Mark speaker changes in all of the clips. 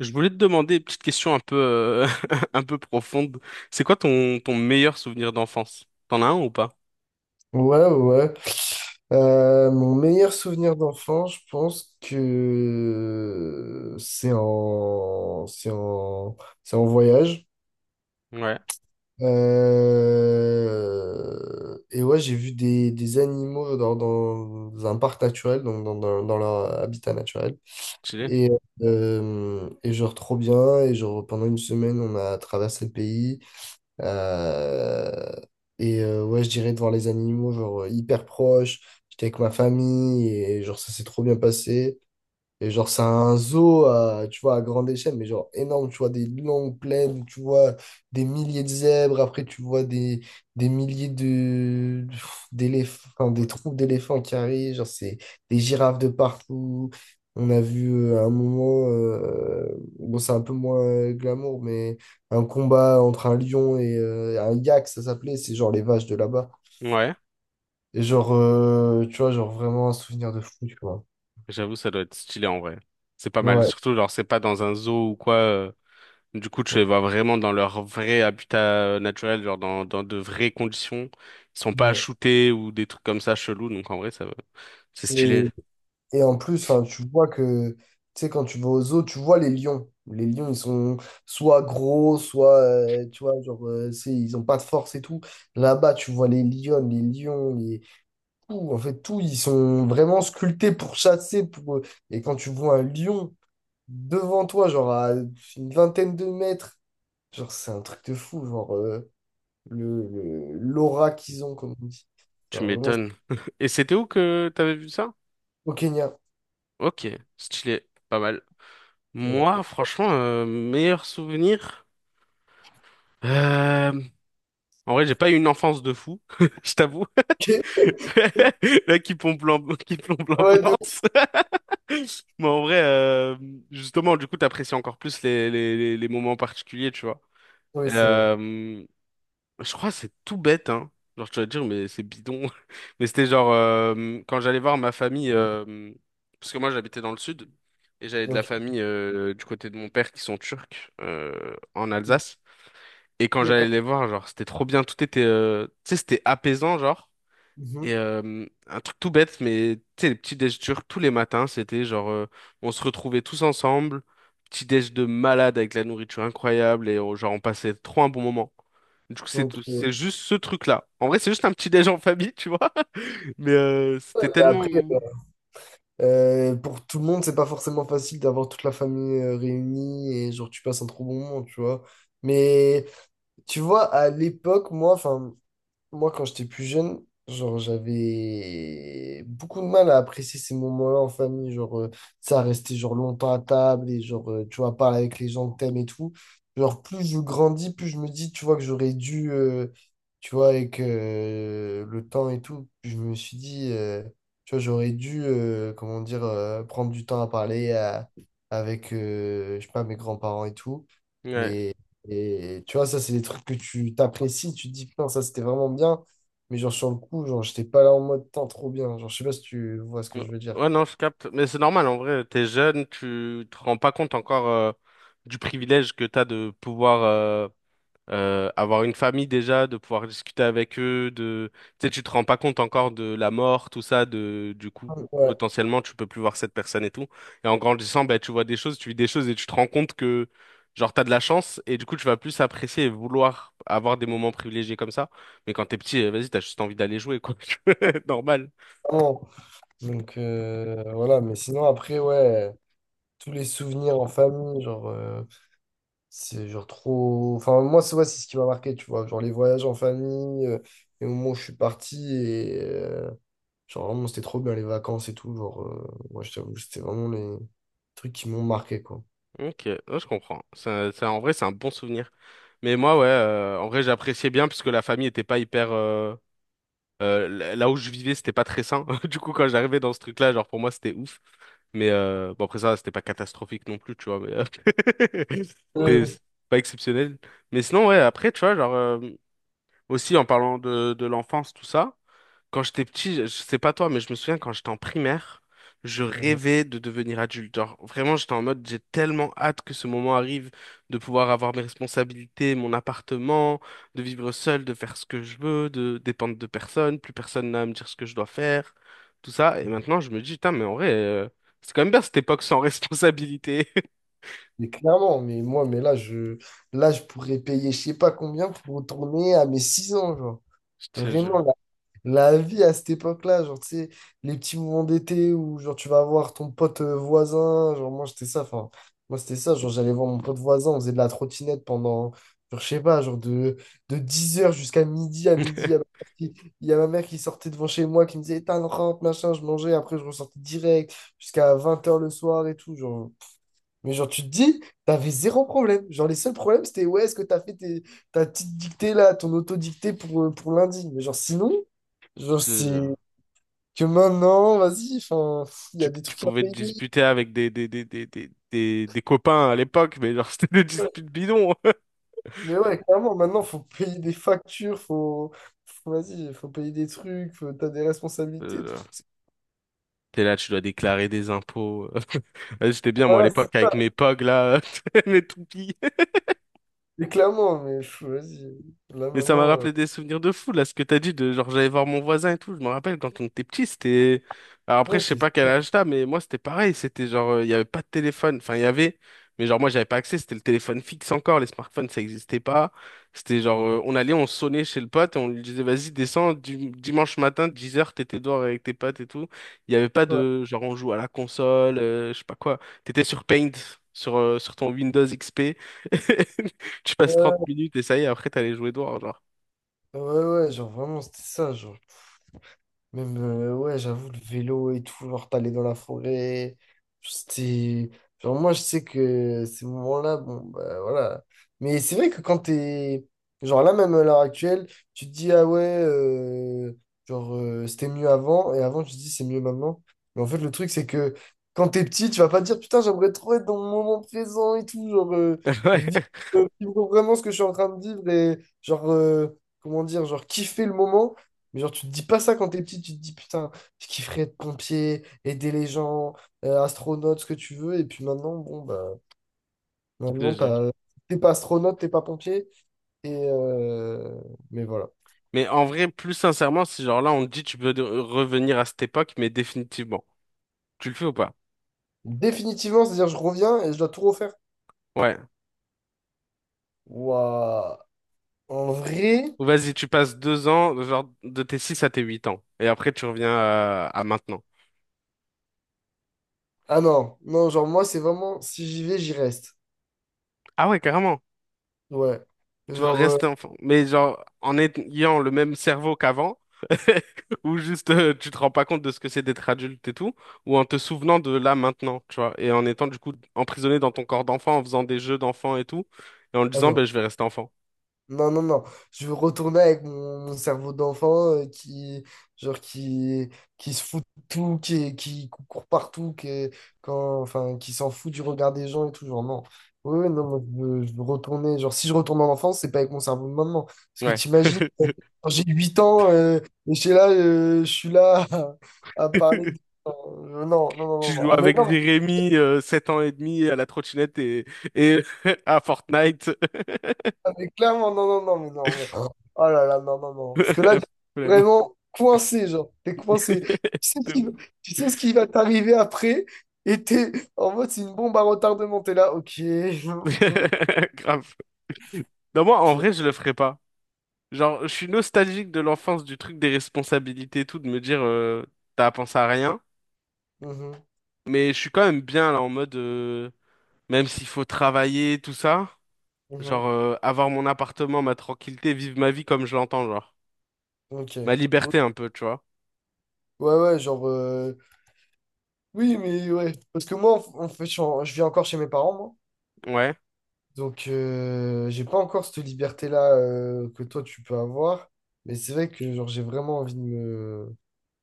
Speaker 1: Je voulais te demander une petite question un peu, un peu profonde. C'est quoi ton meilleur souvenir d'enfance? T'en as un ou pas?
Speaker 2: Ouais, ouais. Ouais. Mon meilleur souvenir d'enfant, je pense que c'est en voyage.
Speaker 1: Ouais,
Speaker 2: Et ouais, j'ai vu des animaux dans un parc naturel, donc dans leur habitat naturel.
Speaker 1: stylé.
Speaker 2: Et, et genre trop bien. Et genre pendant une semaine, on a traversé le pays. Euh, ouais, je dirais de voir les animaux genre hyper proches. J'étais avec ma famille et genre ça s'est trop bien passé. Et genre, c'est un zoo, à, tu vois, à grande échelle, mais genre énorme, tu vois, des longues plaines, tu vois des milliers de zèbres, après tu vois des milliers d'éléphants, enfin, des troupes d'éléphants qui arrivent, genre c'est des girafes de partout. On a vu à un moment, bon, c'est un peu moins glamour, mais un combat entre un lion et un yak, ça s'appelait, c'est genre les vaches de là-bas.
Speaker 1: Ouais,
Speaker 2: Et genre, tu vois, genre vraiment un souvenir de fou, tu vois.
Speaker 1: j'avoue, ça doit être stylé en vrai. C'est pas mal.
Speaker 2: Ouais.
Speaker 1: Surtout, genre, c'est pas dans un zoo ou quoi. Du coup, tu les vois vraiment dans leur vrai habitat naturel, genre dans de vraies conditions. Ils sont pas shootés ou des trucs comme ça chelous. Donc, en vrai, ça, va. C'est
Speaker 2: Ouais.
Speaker 1: stylé.
Speaker 2: Et en plus, enfin, tu vois que, tu sais, quand tu vas aux zoos, tu vois les lions. Les lions, ils sont soit gros, soit, tu vois, genre, ils ont pas de force et tout. Là-bas, tu vois les lions, tout, en fait, tout, ils sont vraiment sculptés pour chasser. Et quand tu vois un lion devant toi, genre à une vingtaine de mètres, genre, c'est un truc de fou, genre, l'aura qu'ils ont, comme on dit.
Speaker 1: Tu
Speaker 2: Genre, vraiment,
Speaker 1: m'étonnes. Et c'était où que t'avais vu ça?
Speaker 2: au Kenya.
Speaker 1: Ok, stylé. Pas mal.
Speaker 2: Ouais,
Speaker 1: Moi, franchement, meilleur souvenir. Euh, En vrai, j'ai pas eu une enfance de fou, je t'avoue.
Speaker 2: ok.
Speaker 1: Là, qui plombe
Speaker 2: Ouais, de.
Speaker 1: l'ambiance. Mais en vrai, justement, du coup, t'apprécies encore plus les moments particuliers, tu vois.
Speaker 2: Oui, c'est vrai.
Speaker 1: Euh, Je crois que c'est tout bête, hein. Genre, tu vas te dire, mais c'est bidon. Mais c'était genre, quand j'allais voir ma famille, parce que moi j'habitais dans le sud, et j'avais de la
Speaker 2: Ok.
Speaker 1: famille du côté de mon père qui sont turcs, en Alsace. Et quand j'allais
Speaker 2: D'accord.
Speaker 1: les voir, genre, c'était trop bien, tout était, tu sais, c'était apaisant, genre. Et
Speaker 2: Mhm.
Speaker 1: un truc tout bête, mais tu sais, les petits déj turcs tous les matins, c'était genre, on se retrouvait tous ensemble, petit déj de malade avec la nourriture incroyable, et genre, on passait trop un bon moment. Du coup,
Speaker 2: Donc,
Speaker 1: c'est juste ce truc-là. En vrai, c'est juste un petit déj en famille, tu vois. Mais c'était
Speaker 2: et
Speaker 1: tellement...
Speaker 2: après, pour tout le monde, c'est pas forcément facile d'avoir toute la famille réunie et genre tu passes un trop bon moment, tu vois. Mais tu vois, à l'époque, moi, quand j'étais plus jeune, genre, j'avais beaucoup de mal à apprécier ces moments-là en famille. Genre, ça restait genre longtemps à table et genre, tu vois, parler avec les gens que t'aimes et tout. Genre, plus je grandis, plus je me dis, tu vois, que j'aurais dû, tu vois, avec le temps et tout, je me suis dit, tu vois, j'aurais dû, comment dire, prendre du temps à parler avec, je sais pas, mes grands-parents et tout.
Speaker 1: Ouais.
Speaker 2: Mais et tu vois, ça, c'est des trucs que tu t'apprécies, tu te dis, putain, ça, c'était vraiment bien. Mais genre, sur le coup, genre, j'étais pas là en mode, tant trop bien. Genre, je sais pas si tu vois ce que
Speaker 1: Ouais,
Speaker 2: je veux dire.
Speaker 1: ouais, non, je capte. Mais c'est normal, en vrai, t'es jeune, tu te rends pas compte encore du privilège que t'as de pouvoir avoir une famille déjà, de pouvoir discuter avec eux, de, tu sais, tu te rends pas compte encore de la mort, tout ça, de, du coup,
Speaker 2: Ouais,
Speaker 1: potentiellement, tu peux plus voir cette personne et tout. Et en grandissant, bah, tu vois des choses, tu vis des choses et tu te rends compte que, genre, t'as de la chance et du coup, tu vas plus apprécier et vouloir avoir des moments privilégiés comme ça. Mais quand t'es petit, vas-y, t'as juste envie d'aller jouer, quoi. Normal.
Speaker 2: vraiment. Donc, voilà. Mais sinon, après, ouais, tous les souvenirs en famille, genre, c'est genre trop... Enfin, moi, c'est ouais, c'est ce qui m'a marqué, tu vois. Genre, les voyages en famille, les moments où je suis parti et... genre, vraiment, c'était trop bien, les vacances et tout. Genre, moi, je t'avoue, c'était vraiment les trucs qui m'ont marqué, quoi.
Speaker 1: Ok, ouais, je comprends. Ça, en vrai, c'est un bon souvenir. Mais moi, ouais, en vrai, j'appréciais bien parce que la famille était pas hyper. Là où je vivais, c'était pas très sain. Du coup, quand j'arrivais dans ce truc-là, genre pour moi, c'était ouf. Mais bon, après ça, c'était pas catastrophique non plus, tu vois. Mais
Speaker 2: Ouais.
Speaker 1: c'est pas exceptionnel. Mais sinon, ouais, après, tu vois, genre aussi en parlant de l'enfance, tout ça. Quand j'étais petit, je sais pas toi, mais je me souviens quand j'étais en primaire, je rêvais de devenir adulte. Genre, vraiment, j'étais en mode, j'ai tellement hâte que ce moment arrive de pouvoir avoir mes responsabilités, mon appartement, de vivre seul, de faire ce que je veux, de dépendre de personne, plus personne n'a à me dire ce que je dois faire, tout ça. Et maintenant, je me dis, putain, mais en vrai, c'est quand même bien cette époque sans responsabilité.
Speaker 2: Mais clairement, mais moi, mais là, là, je pourrais payer je sais pas combien pour retourner à mes 6 ans, genre.
Speaker 1: Je te jure.
Speaker 2: Vraiment, la vie à cette époque-là, genre, tu sais, les petits moments d'été où, genre, tu vas voir ton pote voisin, genre, moi, c'était ça, genre, j'allais voir mon pote voisin, on faisait de la trottinette pendant, genre, je sais pas, genre, de 10 heures jusqu'à midi, à midi,
Speaker 1: Je
Speaker 2: il y a ma mère qui sortait devant chez moi, qui me disait, éteins le rampe, machin, je mangeais, après, je ressortais direct, jusqu'à 20 heures le soir et tout, genre. Mais genre, tu te dis, t'avais zéro problème. Genre, les seuls problèmes, c'était, ouais, est-ce que t'as fait ta petite dictée là, ton auto-dictée pour lundi? Mais genre, sinon, genre,
Speaker 1: te
Speaker 2: c'est
Speaker 1: jure.
Speaker 2: que maintenant, vas-y, enfin, il y a des
Speaker 1: Tu
Speaker 2: trucs à
Speaker 1: pouvais te
Speaker 2: payer.
Speaker 1: disputer avec des copains à l'époque, mais genre, c'était des disputes bidons.
Speaker 2: Mais ouais, clairement, maintenant, faut payer des factures, vas-y, faut payer des trucs, t'as des responsabilités, tout
Speaker 1: Euh,
Speaker 2: ça.
Speaker 1: t'es là, tu dois déclarer des impôts. J'étais bien, moi, à
Speaker 2: Voilà, c'est
Speaker 1: l'époque, avec mes pogs, là, mes toupies.
Speaker 2: c'est clairement, mais pff, vas-y, là
Speaker 1: Mais ça m'a
Speaker 2: maintenant,
Speaker 1: rappelé des souvenirs de fou, là, ce que t'as dit, de genre j'allais voir mon voisin et tout. Je me rappelle quand on était petit, c'était. Alors après,
Speaker 2: ouais,
Speaker 1: je sais
Speaker 2: c'est
Speaker 1: pas quel
Speaker 2: ça.
Speaker 1: âge t'as, mais moi c'était pareil. C'était genre, il y avait pas de téléphone. Enfin, il y avait, mais genre moi j'avais pas accès. C'était le téléphone fixe encore. Les smartphones, ça existait pas. C'était genre,
Speaker 2: Ouais,
Speaker 1: on allait, on sonnait chez le pote et on lui disait, vas-y, descends, dimanche matin, 10 heures t'étais dehors avec tes potes et tout. Il y avait pas de genre, on joue à la console, je sais pas quoi. T'étais sur Paint, sur, sur ton Windows XP. Tu passes 30
Speaker 2: ouais,
Speaker 1: minutes et ça y est, après t'as les jouets d'or, genre.
Speaker 2: ouais, ouais, genre, vraiment, c'était ça, genre. Même, ouais, j'avoue, le vélo et tout, genre, t'allais dans la forêt. C'était. Genre, moi, je sais que ces moments-là, bon, bah voilà. Mais c'est vrai que quand t'es. Genre, là, même à l'heure actuelle, tu te dis, ah ouais, genre, c'était mieux avant. Et avant, tu te dis, c'est mieux maintenant. Mais en fait, le truc, c'est que quand t'es petit, tu vas pas te dire, putain, j'aimerais trop être dans mon moment présent et tout. Genre,
Speaker 1: Ouais,
Speaker 2: vivre, vivre vraiment ce que je suis en train de vivre et, genre, comment dire, genre, kiffer le moment. Mais genre, tu te dis pas ça quand t'es petit, tu te dis putain, je kifferais être pompier, aider les gens, astronaute, ce que tu veux. Et puis maintenant, bon, bah,
Speaker 1: je te
Speaker 2: maintenant,
Speaker 1: jure.
Speaker 2: t'es pas astronaute, t'es pas pompier. Et euh, Mais voilà.
Speaker 1: Mais en vrai, plus sincèrement, si genre là on te dit tu peux revenir à cette époque, mais définitivement. Tu le fais ou pas?
Speaker 2: Définitivement, c'est-à-dire, je reviens et je dois tout refaire.
Speaker 1: Ouais.
Speaker 2: Waouh. En vrai.
Speaker 1: Ou vas-y, tu passes 2 ans, genre de tes 6 à tes 8 ans. Et après tu reviens à maintenant.
Speaker 2: Ah non, non, genre, moi, c'est vraiment, si j'y vais, j'y reste.
Speaker 1: Ah ouais, carrément.
Speaker 2: Ouais.
Speaker 1: Tu veux
Speaker 2: Genre,
Speaker 1: rester enfant. Mais genre, en ayant le même cerveau qu'avant, ou juste tu te rends pas compte de ce que c'est d'être adulte et tout, ou en te souvenant de là maintenant, tu vois, et en étant du coup emprisonné dans ton corps d'enfant, en faisant des jeux d'enfant et tout, et en te
Speaker 2: ah
Speaker 1: disant,
Speaker 2: non.
Speaker 1: ben, je vais rester enfant.
Speaker 2: Non, non, non. Je veux retourner avec mon cerveau d'enfant qui, genre, qui se fout de tout, qui court partout, qui s'en fout du regard des gens et tout. Genre, non. Oui, oui, non, moi, je veux retourner. Genre, si je retourne en enfance, c'est pas avec mon cerveau de maintenant. Parce que
Speaker 1: Ouais.
Speaker 2: t'imagines, quand j'ai 8 ans, et je suis là, à parler de... Euh, non, non, non,
Speaker 1: Tu
Speaker 2: non. Non.
Speaker 1: joues
Speaker 2: Ah, mais
Speaker 1: avec
Speaker 2: non,
Speaker 1: Jérémy, 7 ans et demi, à la trottinette et à Fortnite.
Speaker 2: ah, mais clairement, non, non, non, mais non, mais. Oh là là, non, non, non. Parce que là, tu es
Speaker 1: Flemme.
Speaker 2: vraiment coincé, genre. T'es coincé. Sais ce
Speaker 1: De
Speaker 2: qui, tu sais ce qui va t'arriver après, et t'es en mode, c'est une bombe à retardement. T'es là, ok,
Speaker 1: ouf.
Speaker 2: ok,
Speaker 1: Grave. Non, moi, en
Speaker 2: ok.
Speaker 1: vrai, je le ferais pas. Genre, je suis nostalgique de l'enfance, du truc des responsabilités et tout, de me dire, t'as à penser à rien.
Speaker 2: Mhm,
Speaker 1: Mais je suis quand même bien, là, en mode, même s'il faut travailler, tout ça,
Speaker 2: mhm,
Speaker 1: genre, avoir mon appartement, ma tranquillité, vivre ma vie comme je l'entends, genre.
Speaker 2: ok.
Speaker 1: Ma
Speaker 2: Ou-
Speaker 1: liberté, un peu, tu vois.
Speaker 2: Ouais, ouais, genre. Oui, mais ouais. Parce que moi, en fait, je vis encore chez mes parents, moi.
Speaker 1: Ouais.
Speaker 2: Donc, j'ai pas encore cette liberté-là que toi, tu peux avoir. Mais c'est vrai que, genre, j'ai vraiment envie de me.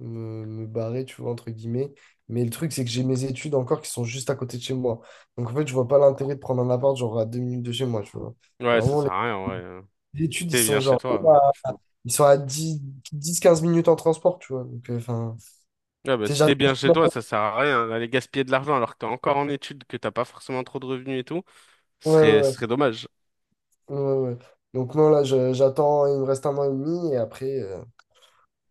Speaker 2: Me barrer, tu vois, entre guillemets. Mais le truc, c'est que j'ai mes études encore qui sont juste à côté de chez moi. Donc, en fait, je vois pas l'intérêt de prendre un appart, genre, à 2 minutes de chez moi, tu vois.
Speaker 1: Ouais, ça
Speaker 2: Vraiment, les
Speaker 1: sert à rien, ouais.
Speaker 2: les
Speaker 1: Si
Speaker 2: études, ils
Speaker 1: t'es bien
Speaker 2: sont
Speaker 1: chez
Speaker 2: genre,
Speaker 1: toi,
Speaker 2: à-
Speaker 1: hein.
Speaker 2: ils sont à dix 15 minutes en transport, tu vois. Donc, enfin,
Speaker 1: Ah bah,
Speaker 2: tu sais,
Speaker 1: si t'es bien chez
Speaker 2: j'attends.
Speaker 1: toi, ça sert à rien d'aller gaspiller de l'argent alors que t'es encore en études, que t'as pas forcément trop de revenus et tout.
Speaker 2: Ouais, ouais,
Speaker 1: Ce
Speaker 2: ouais,
Speaker 1: serait dommage.
Speaker 2: ouais, ouais. Ouais. Donc, non, là, j'attends, il me reste un mois et demi, et après,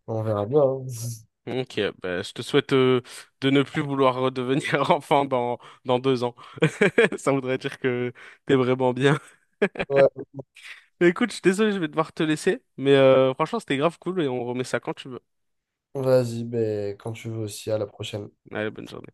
Speaker 2: on verra bien. Hein.
Speaker 1: Ok, bah, je te souhaite de ne plus vouloir redevenir enfant dans 2 ans. Ça voudrait dire que t'es vraiment bien.
Speaker 2: Ouais,
Speaker 1: Mais écoute, je suis désolé, je vais devoir te laisser. Mais franchement, c'était grave cool et on remet ça quand tu veux.
Speaker 2: vas-y, ben, quand tu veux aussi, à la prochaine.
Speaker 1: Allez, bonne journée.